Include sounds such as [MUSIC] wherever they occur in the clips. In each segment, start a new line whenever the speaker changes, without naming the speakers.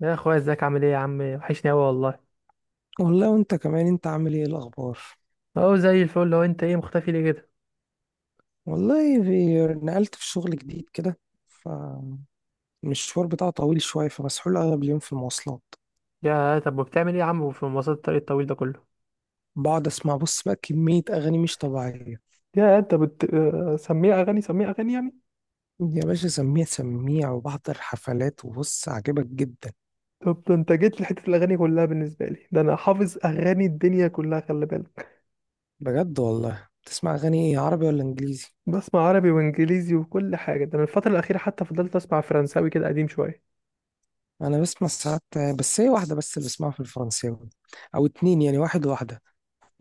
يا اخويا، ازيك؟ عامل ايه يا عم؟ وحشني اوي والله.
والله وانت كمان، انت عامل ايه الاخبار؟
اهو زي الفل. لو انت ايه، مختفي ليه كده؟
والله نقلت في شغل جديد كده، فالمشوار بتاعه طويل شويه، فمسحول اغلب اليوم في المواصلات.
يا طب، وبتعمل ايه يا عم في مواصلات الطريق الطويل ده كله؟
بقعد اسمع، بص بقى، كميه اغاني مش طبيعيه.
يا انت بت آه، سميه اغاني سميه اغاني يعني.
يا باشا، سميع سميع وبحضر حفلات، وبص عاجبك جدا.
طب ده انت جيت لحته الاغاني كلها بالنسبه لي، ده انا حافظ اغاني الدنيا كلها، خلي بالك.
بجد والله، بتسمع اغاني ايه، عربي ولا انجليزي؟
بسمع عربي وانجليزي وكل حاجه، ده انا الفتره الاخيره حتى فضلت اسمع فرنساوي كده قديم شويه.
انا بسمع ساعات، بس هي واحده بس اللي بسمعها في الفرنساوي، او اتنين يعني، واحد واحده.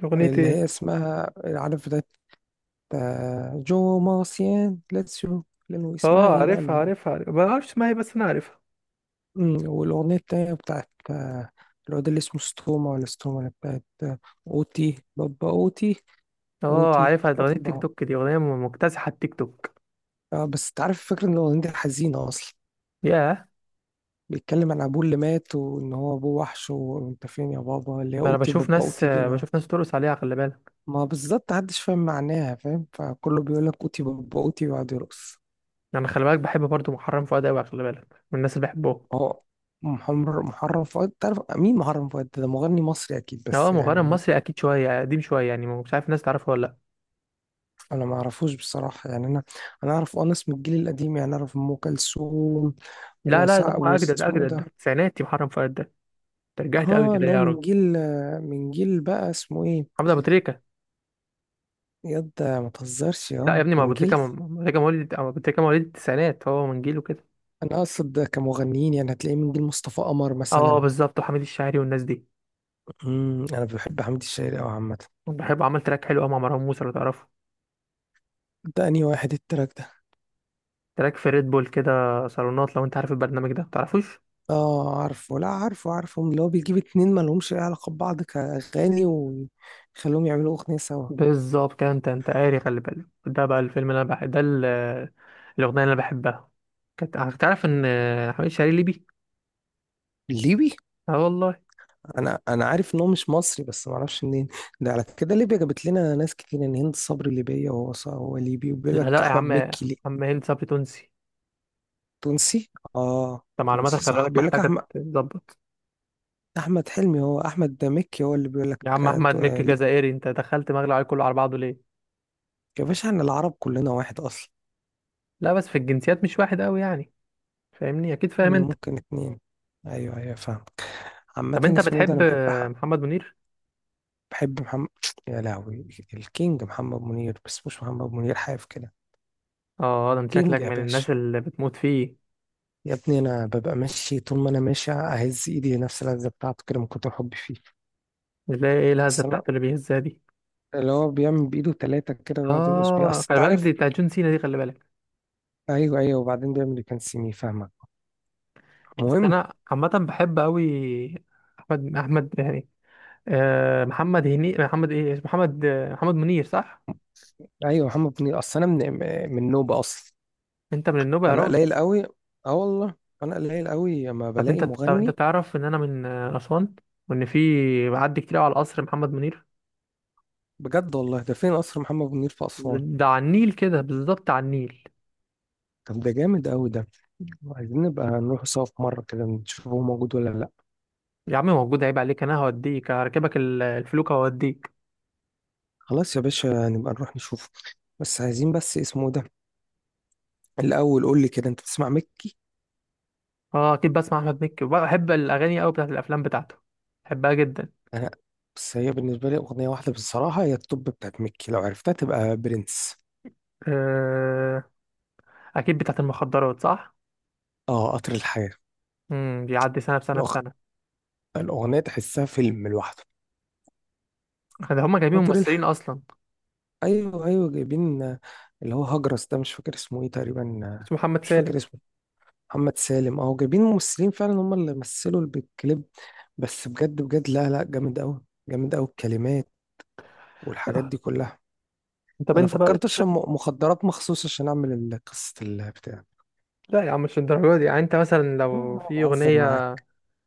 اغنيه
اللي هي
ايه؟
اسمها، عارف ده، جو مارسيان لاتسيو. لأنه اسمها
اه
ايه بقى،
عارفها عارفها عارفها، ما اعرفش اسمها ايه بس انا عارفها.
والأغنية التانية بتاعت الواد اللي اسمه ستوما، ولا ستوما اللي بتاعت، أوتي بابا أوتي،
اه
أوتي
عارفها، ده اغنيه تيك
بابا.
توك، دي اغنيه مكتسحه التيك توك.
اه بس انت عارف، الفكرة ان الأغنية دي حزينة أصلا،
يا،
بيتكلم عن أبوه اللي مات، وإن هو أبوه وحش، وأنت فين يا بابا، اللي هي
ده انا
أوتي بابا أوتي دي. لا،
بشوف ناس ترقص عليها، خلي بالك.
ما بالظبط محدش فاهم معناها، فاهم، فكله بيقول لك أوتي بابا أوتي ويقعد يرقص.
انا خلي بالك بحب برضو محرم فؤاد قوي، خلي بالك من الناس اللي بحبهم.
هو محرم فؤاد، تعرف مين محرم فؤاد ده مغني مصري اكيد،
اه
بس
مغني
يعني
مصري اكيد، شويه قديم شويه يعني، مش عارف الناس تعرفه ولا.
انا ما اعرفوش بصراحه يعني، انا اعرف ناس من الجيل القديم يعني، اعرف ام كلثوم.
لا لا لا، ده
وسع،
هو اجدد
واسمه ايه
اجدد، ده
ده؟
التسعيناتي محرم فؤاد ده. ترجعت قوي
اه،
كده
اللي
ليه
هو
يا
من
راجل؟
جيل من جيل بقى اسمه ايه،
محمد ابو تريكه.
ياد ما تهزرش.
لا يا
اه،
ابني، ما ابو
من
تريكه
جيل،
ابو تريكه مواليد أو ابو تريكه مواليد التسعينات، هو من جيله كده.
انا اقصد كمغنيين يعني، هتلاقيه من جيل مصطفى قمر
اه
مثلا.
بالظبط، وحميد الشاعري والناس دي.
انا بحب حمدي الشاعري قوي عامه.
بحب عمل تراك حلو قوي مع مروان موسى لو تعرفه.
ده انهي واحد التراك ده؟
تراك في ريد بول كده، صالونات، لو انت عارف البرنامج ده تعرفوش.
اه عارفه، لا، عارفه عارفه، اللي هو بيجيب اتنين مالهمش اي علاقة ببعض كأغاني ويخليهم يعملوا أغنية سوا.
بالظبط كده، انت قاري، خلي بالك. ده بقى الفيلم اللي انا بحب، ده الاغنيه اللي انا بحبها. كانت هتعرف ان حميد شاعري ليبي.
الليبي؟
اه والله.
انا عارف ان هو مش مصري، بس ما اعرفش منين. ده على كده ليبيا جابت لنا ناس كتير، ان هند صبري ليبية، وهو هو ليبي، وبيقول
لا
لك
لا يا
احمد
عم،
مكي ليه.
عم هند صبري تونسي.
تونسي؟ اه،
انت معلوماتك
تونسي
خلي
صح،
بالك
بيقول لك
محتاجه
احمد
تتظبط.
احمد حلمي، هو احمد ده، مكي هو اللي بيقول لك،
يا عم احمد مكي
ليبي.
جزائري، انت دخلت مغلى عليه كله على بعضه ليه؟
يا باشا، احنا العرب كلنا واحد اصلا.
لا بس في الجنسيات مش واحد قوي يعني. فاهمني، اكيد فاهم انت.
ممكن اتنين. ايوه ايوه، فاهم. عامة
طب انت
اسمه إيه ده، انا
بتحب
بحب
محمد منير؟
بحب محمد، يا لهوي، الكينج محمد منير، بس مش محمد منير حاف كده.
اه ده انت
كينج
شكلك
يا
من
باشا.
الناس اللي بتموت فيه.
يا ابني انا ببقى ماشي، طول ما انا ماشي اهز ايدي نفس اللذه بتاعته كده، من كتر حبي فيه.
اللي هي ايه الهزه
اصل انا،
بتاعته اللي بيهزها دي؟
اللي هو بيعمل بايده ثلاثه كده ويقعد يرقص بيها،
اه
اصل
خلي
انت
بالك دي
عارف،
بتاعت جون سينا دي، خلي بالك.
ايوه ايوه، وبعدين بيعمل كان سيمي، فاهمك؟
بس
المهم.
انا عامه بحب قوي، احمد يعني، محمد هني محمد ايه اسمه محمد محمد منير صح.
ايوه محمد منير، اصل انا من نوبه اصلا،
انت من النوبه يا
فانا
راجل؟
قليل قوي. اه والله، انا قليل قوي لما بلاقي
طب انت
مغني.
تعرف ان انا من اسوان، وان في معدي كتير قوي على القصر محمد منير.
بجد والله؟ ده فين قصر محمد منير في اسوان؟
ده على النيل كده، بالظبط على النيل.
طب ده جامد قوي ده، عايزين نبقى نروح سوا في مرة كده، نشوف هو موجود ولا لأ.
يا عم موجود، عيب عليك، انا هوديك، هركبك الفلوكه وهوديك.
خلاص يا باشا، نبقى نروح نشوفه. بس عايزين، بس اسمه ده الأول، قول لي كده، أنت بتسمع مكي؟
اه اكيد بسمع احمد مكي، وبحب الاغاني قوي بتاعت الافلام بتاعته، بحبها جدا.
أنا، بس هي بالنسبة لي أغنية واحدة بصراحة، هي التوب بتاعت مكي، لو عرفتها تبقى برنس.
آه، اكيد بتاعت المخدرات صح.
آه، قطر الحياة.
بيعدي سنه بسنه
الأغ...
بسنه.
الأغنية تحسها فيلم لوحده.
ده هما جايبين
قطر
ممثلين
الحياة.
اصلا،
أيوه أيوه، جايبين، اللي هو هجرس ده، مش فاكر اسمه إيه تقريبا،
اسمه محمد
مش
سالم.
فاكر اسمه. محمد سالم، اهو جايبين ممثلين فعلا، هم اللي مثلوا بالكليب. بس بجد بجد، لا لا، جامد قوي، جامد قوي الكلمات والحاجات دي كلها.
طب
انا
انت بقى
فكرت
تشوف.
اشرب مخدرات مخصوص، عشان اعمل قصة البتاع.
لا يا عم مش الدرجه دي يعني، انت مثلا
إيه،
لو
انا
في
بهزر
اغنيه.
معاك.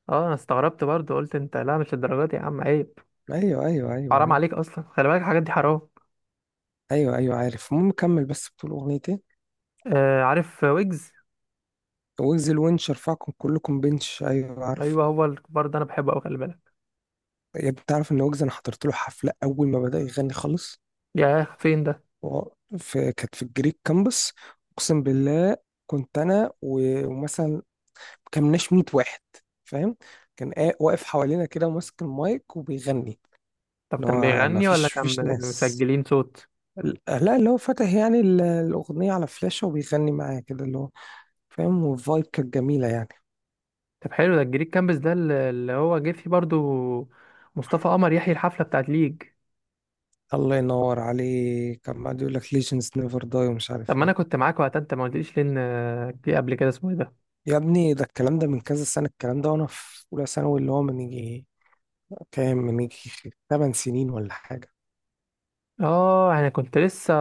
اه انا استغربت برضو، قلت انت لا مش الدرجه دي يا عم، عيب.
ايوه ايوه ايوه
حرام
ايوه
عليك اصلا، خلي بالك الحاجات دي حرام.
ايوه ايوه، عارف، المهم كمل، بس بتقول اغنيتين.
آه عارف، ويجز.
ويجز، الونش رفعكم كلكم بنش، ايوه عارف.
ايوه هو الكبار ده انا بحبه قوي، خلي بالك.
يا ابني، تعرف ان ويجز انا حضرت له حفلة اول ما بدأ يغني خالص؟
ياه، فين ده؟
و- في كانت في الجريك كامبس، اقسم بالله. كنت انا ومثلا كمناش 100 واحد، فاهم. كان واقف حوالينا كده، وماسك المايك وبيغني،
طب
اللي
كان
هو ما
بيغني ولا
فيش
كان
فيش ناس
مسجلين صوت؟
ال- لا، اللي هو فاتح يعني الأغنية على فلاشة وبيغني معايا كده، اللي هو، فاهم، والفايب كانت جميلة يعني.
طب حلو، ده الجريك كامبس ده اللي هو جه فيه برضو مصطفى قمر يحيي الحفله بتاعت ليج.
الله ينور عليك، كان قاعد يقول لك Legends never die ومش
طب
عارف
ما انا
ايه.
كنت معاك وقتها، انت ما قلتليش، لان في قبل كده اسمه إيه ده.
يا ابني، ده الكلام ده من كذا سنة، الكلام ده وانا في أولى ثانوي، اللي هو من يجي كام، من يجي 8 سنين ولا حاجة.
اه يعني كنت لسه،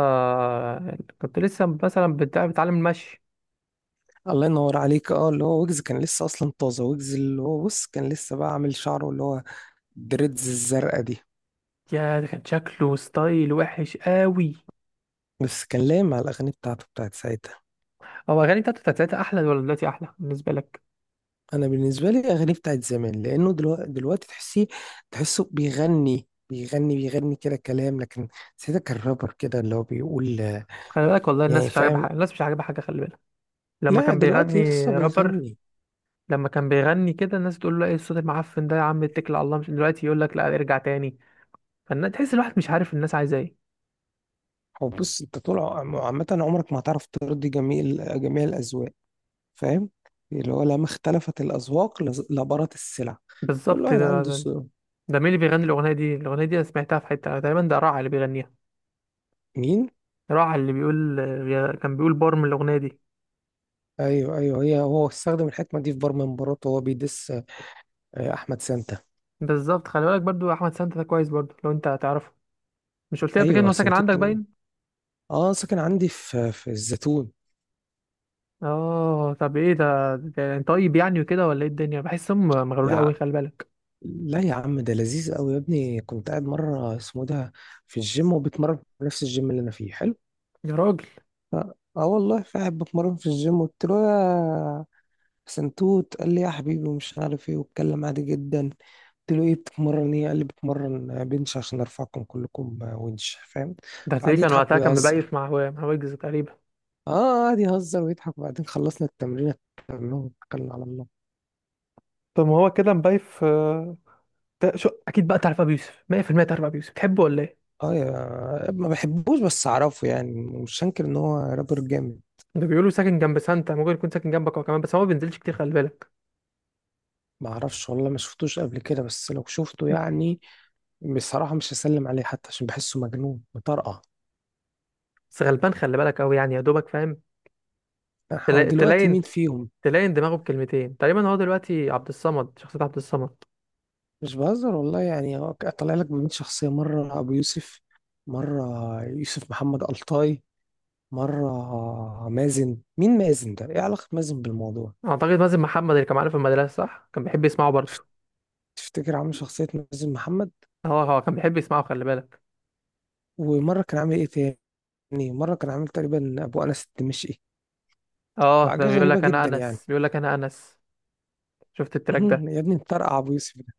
كنت لسه مثلا بتعلم المشي.
الله ينور عليك. اه، اللي هو ويجز كان لسه اصلا طازه، ويجز اللي هو، بص، كان لسه بقى عامل شعره اللي هو دريدز الزرقاء دي،
يا، ده كان شكله ستايل وحش قوي.
بس كان لايم على الاغاني بتاعته بتاعت ساعتها.
هو اغاني بتاعته بتاعت ساعتها احلى ولا دلوقتي احلى بالنسبه لك؟
انا بالنسبه لي اغاني بتاعت زمان، لانه دلوقتي تحسيه، تحسه بيغني بيغني بيغني كده كلام، لكن ساعتها كان رابر كده، اللي هو بيقول
خلي بالك والله الناس
يعني،
مش عاجبها
فاهم.
حاجه، الناس مش عاجبها حاجه، خلي بالك. لما
لا،
كان
دلوقتي
بيغني
لسه
رابر،
بيغني.
لما كان بيغني كده الناس تقول له ايه الصوت المعفن ده يا عم اتكل على الله، مش دلوقتي يقول لك لا ارجع تاني؟ فالناس تحس، الواحد مش عارف الناس عايزه ايه.
هو بص، انت طول عامه عمرك ما هتعرف ترضي جميع جميع الاذواق، فاهم. اللي هو لما اختلفت الاذواق، لبرت السلع، كل
بالظبط.
واحد عنده ذوق.
ده مين اللي بيغني الاغنيه دي؟ الاغنيه دي انا سمعتها في حته تقريبا، ده راعي اللي بيغنيها.
مين؟
راعي اللي بيقول كان بيقول بار من الاغنيه دي.
ايوه ايوه، هي هو استخدم الحكمه دي في بار من مراته وهو بيدس. احمد سانتا.
بالظبط، خلي بالك برضو احمد سانتا ده كويس برضو لو انت هتعرفه. مش قلت لي قبل كده ان
ايوه،
هو ساكن
سنتوت.
عندك باين؟
اه، ساكن عندي في الزيتون.
اه طب ايه ده، انت طيب يعني وكده ولا ايه الدنيا، بحسهم مغرور
يا
قوي، خلي بالك.
لا يا عم ده لذيذ قوي، يا ابني كنت قاعد مره، اسمه ده، في الجيم، وبتمرن في نفس الجيم اللي انا فيه، حلو.
يا راجل،
ف- اه والله، قاعد بتمرن في الجيم، قلت له يا سنتوت، قال لي يا حبيبي ومش عارف ايه، واتكلم عادي جدا. قلت له ايه، بتتمرن ايه؟ قال لي بتمرن بنش، عشان ارفعكم كلكم ونش، فاهم.
ده
قعد
هتلاقيه كان
يضحك
وقتها كان
ويهزر.
مبايف مع مع ويجز تقريبا.
اه، قعد يهزر ويضحك، وبعدين خلصنا التمرين، كلهم اتكلنا على الله.
طب ما هو كده مبايف. ده شو اكيد بقى تعرف ابو يوسف 100%، تعرف ابو يوسف تحبه ولا ايه؟
اه يا ما بحبوش، بس اعرفه يعني، مش هنكر ان هو رابر جامد.
ده بيقولوا ساكن جنب سانتا، ممكن يكون ساكن جنبك هو كمان، بس هو ما بينزلش كتير، خلي بالك.
ما اعرفش والله، ما شفتوش قبل كده، بس لو شفته يعني، بصراحة مش هسلم عليه حتى، عشان بحسه مجنون مطرقع.
بس غلبان، خلي بالك قوي يعني يا دوبك فاهم.
هو دلوقتي
تلاين،
مين فيهم؟
تلاين دماغه بكلمتين تقريبا. هو دلوقتي عبد الصمد، شخصية عبد الصمد.
مش بهزر والله يعني، هو طالع لك بمين شخصية، مرة ابو يوسف، مرة يوسف محمد ألطاي، مرة مازن، مين مازن ده، ايه علاقة مازن بالموضوع؟
اعتقد مازن محمد اللي كان معانا في المدرسه صح كان بيحب يسمعه برضه.
تفتكر عامل شخصية مازن محمد؟
اه هو كان بيحب يسمعه، خلي بالك.
ومرة كان عامل ايه تاني؟ مرة كان عامل تقريبا ابو انس الدمشقي،
اه ده
فحاجة
بيقول
غريبة
لك انا
جدا يعني.
انس، بيقول لك انا انس. شفت التراك ده؟
[LAUGHS] يا ابني مطرقع أبو يوسف ده،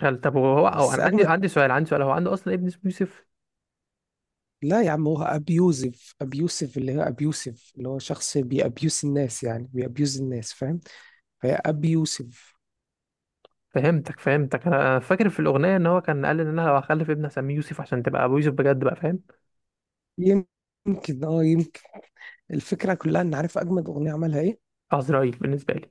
قال طب هو
بس
انا عندي
أجمد.
عندي سؤال، عندي سؤال. هو عنده اصلا ابن اسمه يوسف؟
لا يا عم، هو أبيوزيف، أبيوسف، اللي هو أبيوسف اللي هو شخص بيأبيوس الناس يعني، بيأبيوز الناس، فاهم؟ فهي أبيوسف.
فهمتك فهمتك، أنا فاكر في الاغنيه ان هو كان قال ان انا لو هخلف ابني هسميه يوسف عشان تبقى ابو يوسف بجد، بقى فاهم.
يمكن، اه، يمكن. الفكرة كلها إن، عارف أجمد أغنية عملها إيه؟
عزرائيل بالنسبه لي.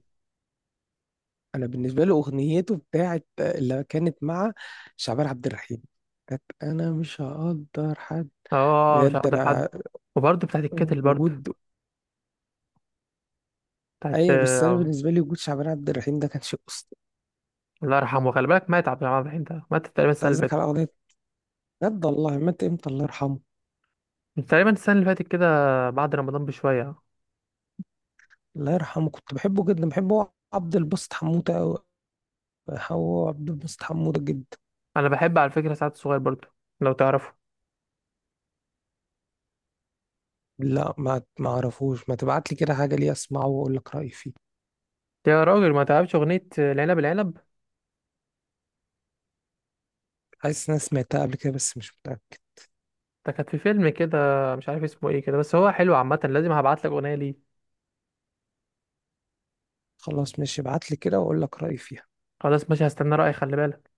أنا بالنسبة له أغنيته بتاعت اللي كانت مع شعبان عبد الرحيم، كانت، أنا مش هقدر حد،
اه مش
بجد
هقدر حد.
أنا،
وبرضه بتاعت الكتل برضه،
وجود،
بتاعت
أي بس أنا
آه،
بالنسبة لي وجود شعبان عبد الرحيم ده كان شيء أسطوري.
الله يرحمه، خلي بالك مات عبد الرحمن الرحيم ده، مات تقريبا
أنت
السنه اللي
قصدك
فاتت.
على أغنية؟ بجد والله، مات امتى الله يرحمه؟
تقريبا السنه اللي فاتت كده، بعد رمضان بشويه.
الله يرحمه، كنت بحبه جدا، بحبه هو عبد الباسط حموده أوي، هو عبد الباسط حموده جدا.
انا بحب على فكره سعد الصغير برضو، لو تعرفه.
لا، ما اعرفوش، ما تبعت لي كده حاجه ليه، اسمعه واقول لك رايي فيه.
يا راجل ما تعرفش اغنيه العنب العنب؟
حاسس ان انا سمعتها قبل كده بس مش متاكد.
ده كانت في فيلم كده، مش عارف اسمه ايه كده، بس هو حلو عامه، لازم هبعت لك اغنيه ليه.
خلاص ماشي، ابعت لي كده واقول لك رايي فيها.
خلاص ماشي، هستنى رايك خلي بالك.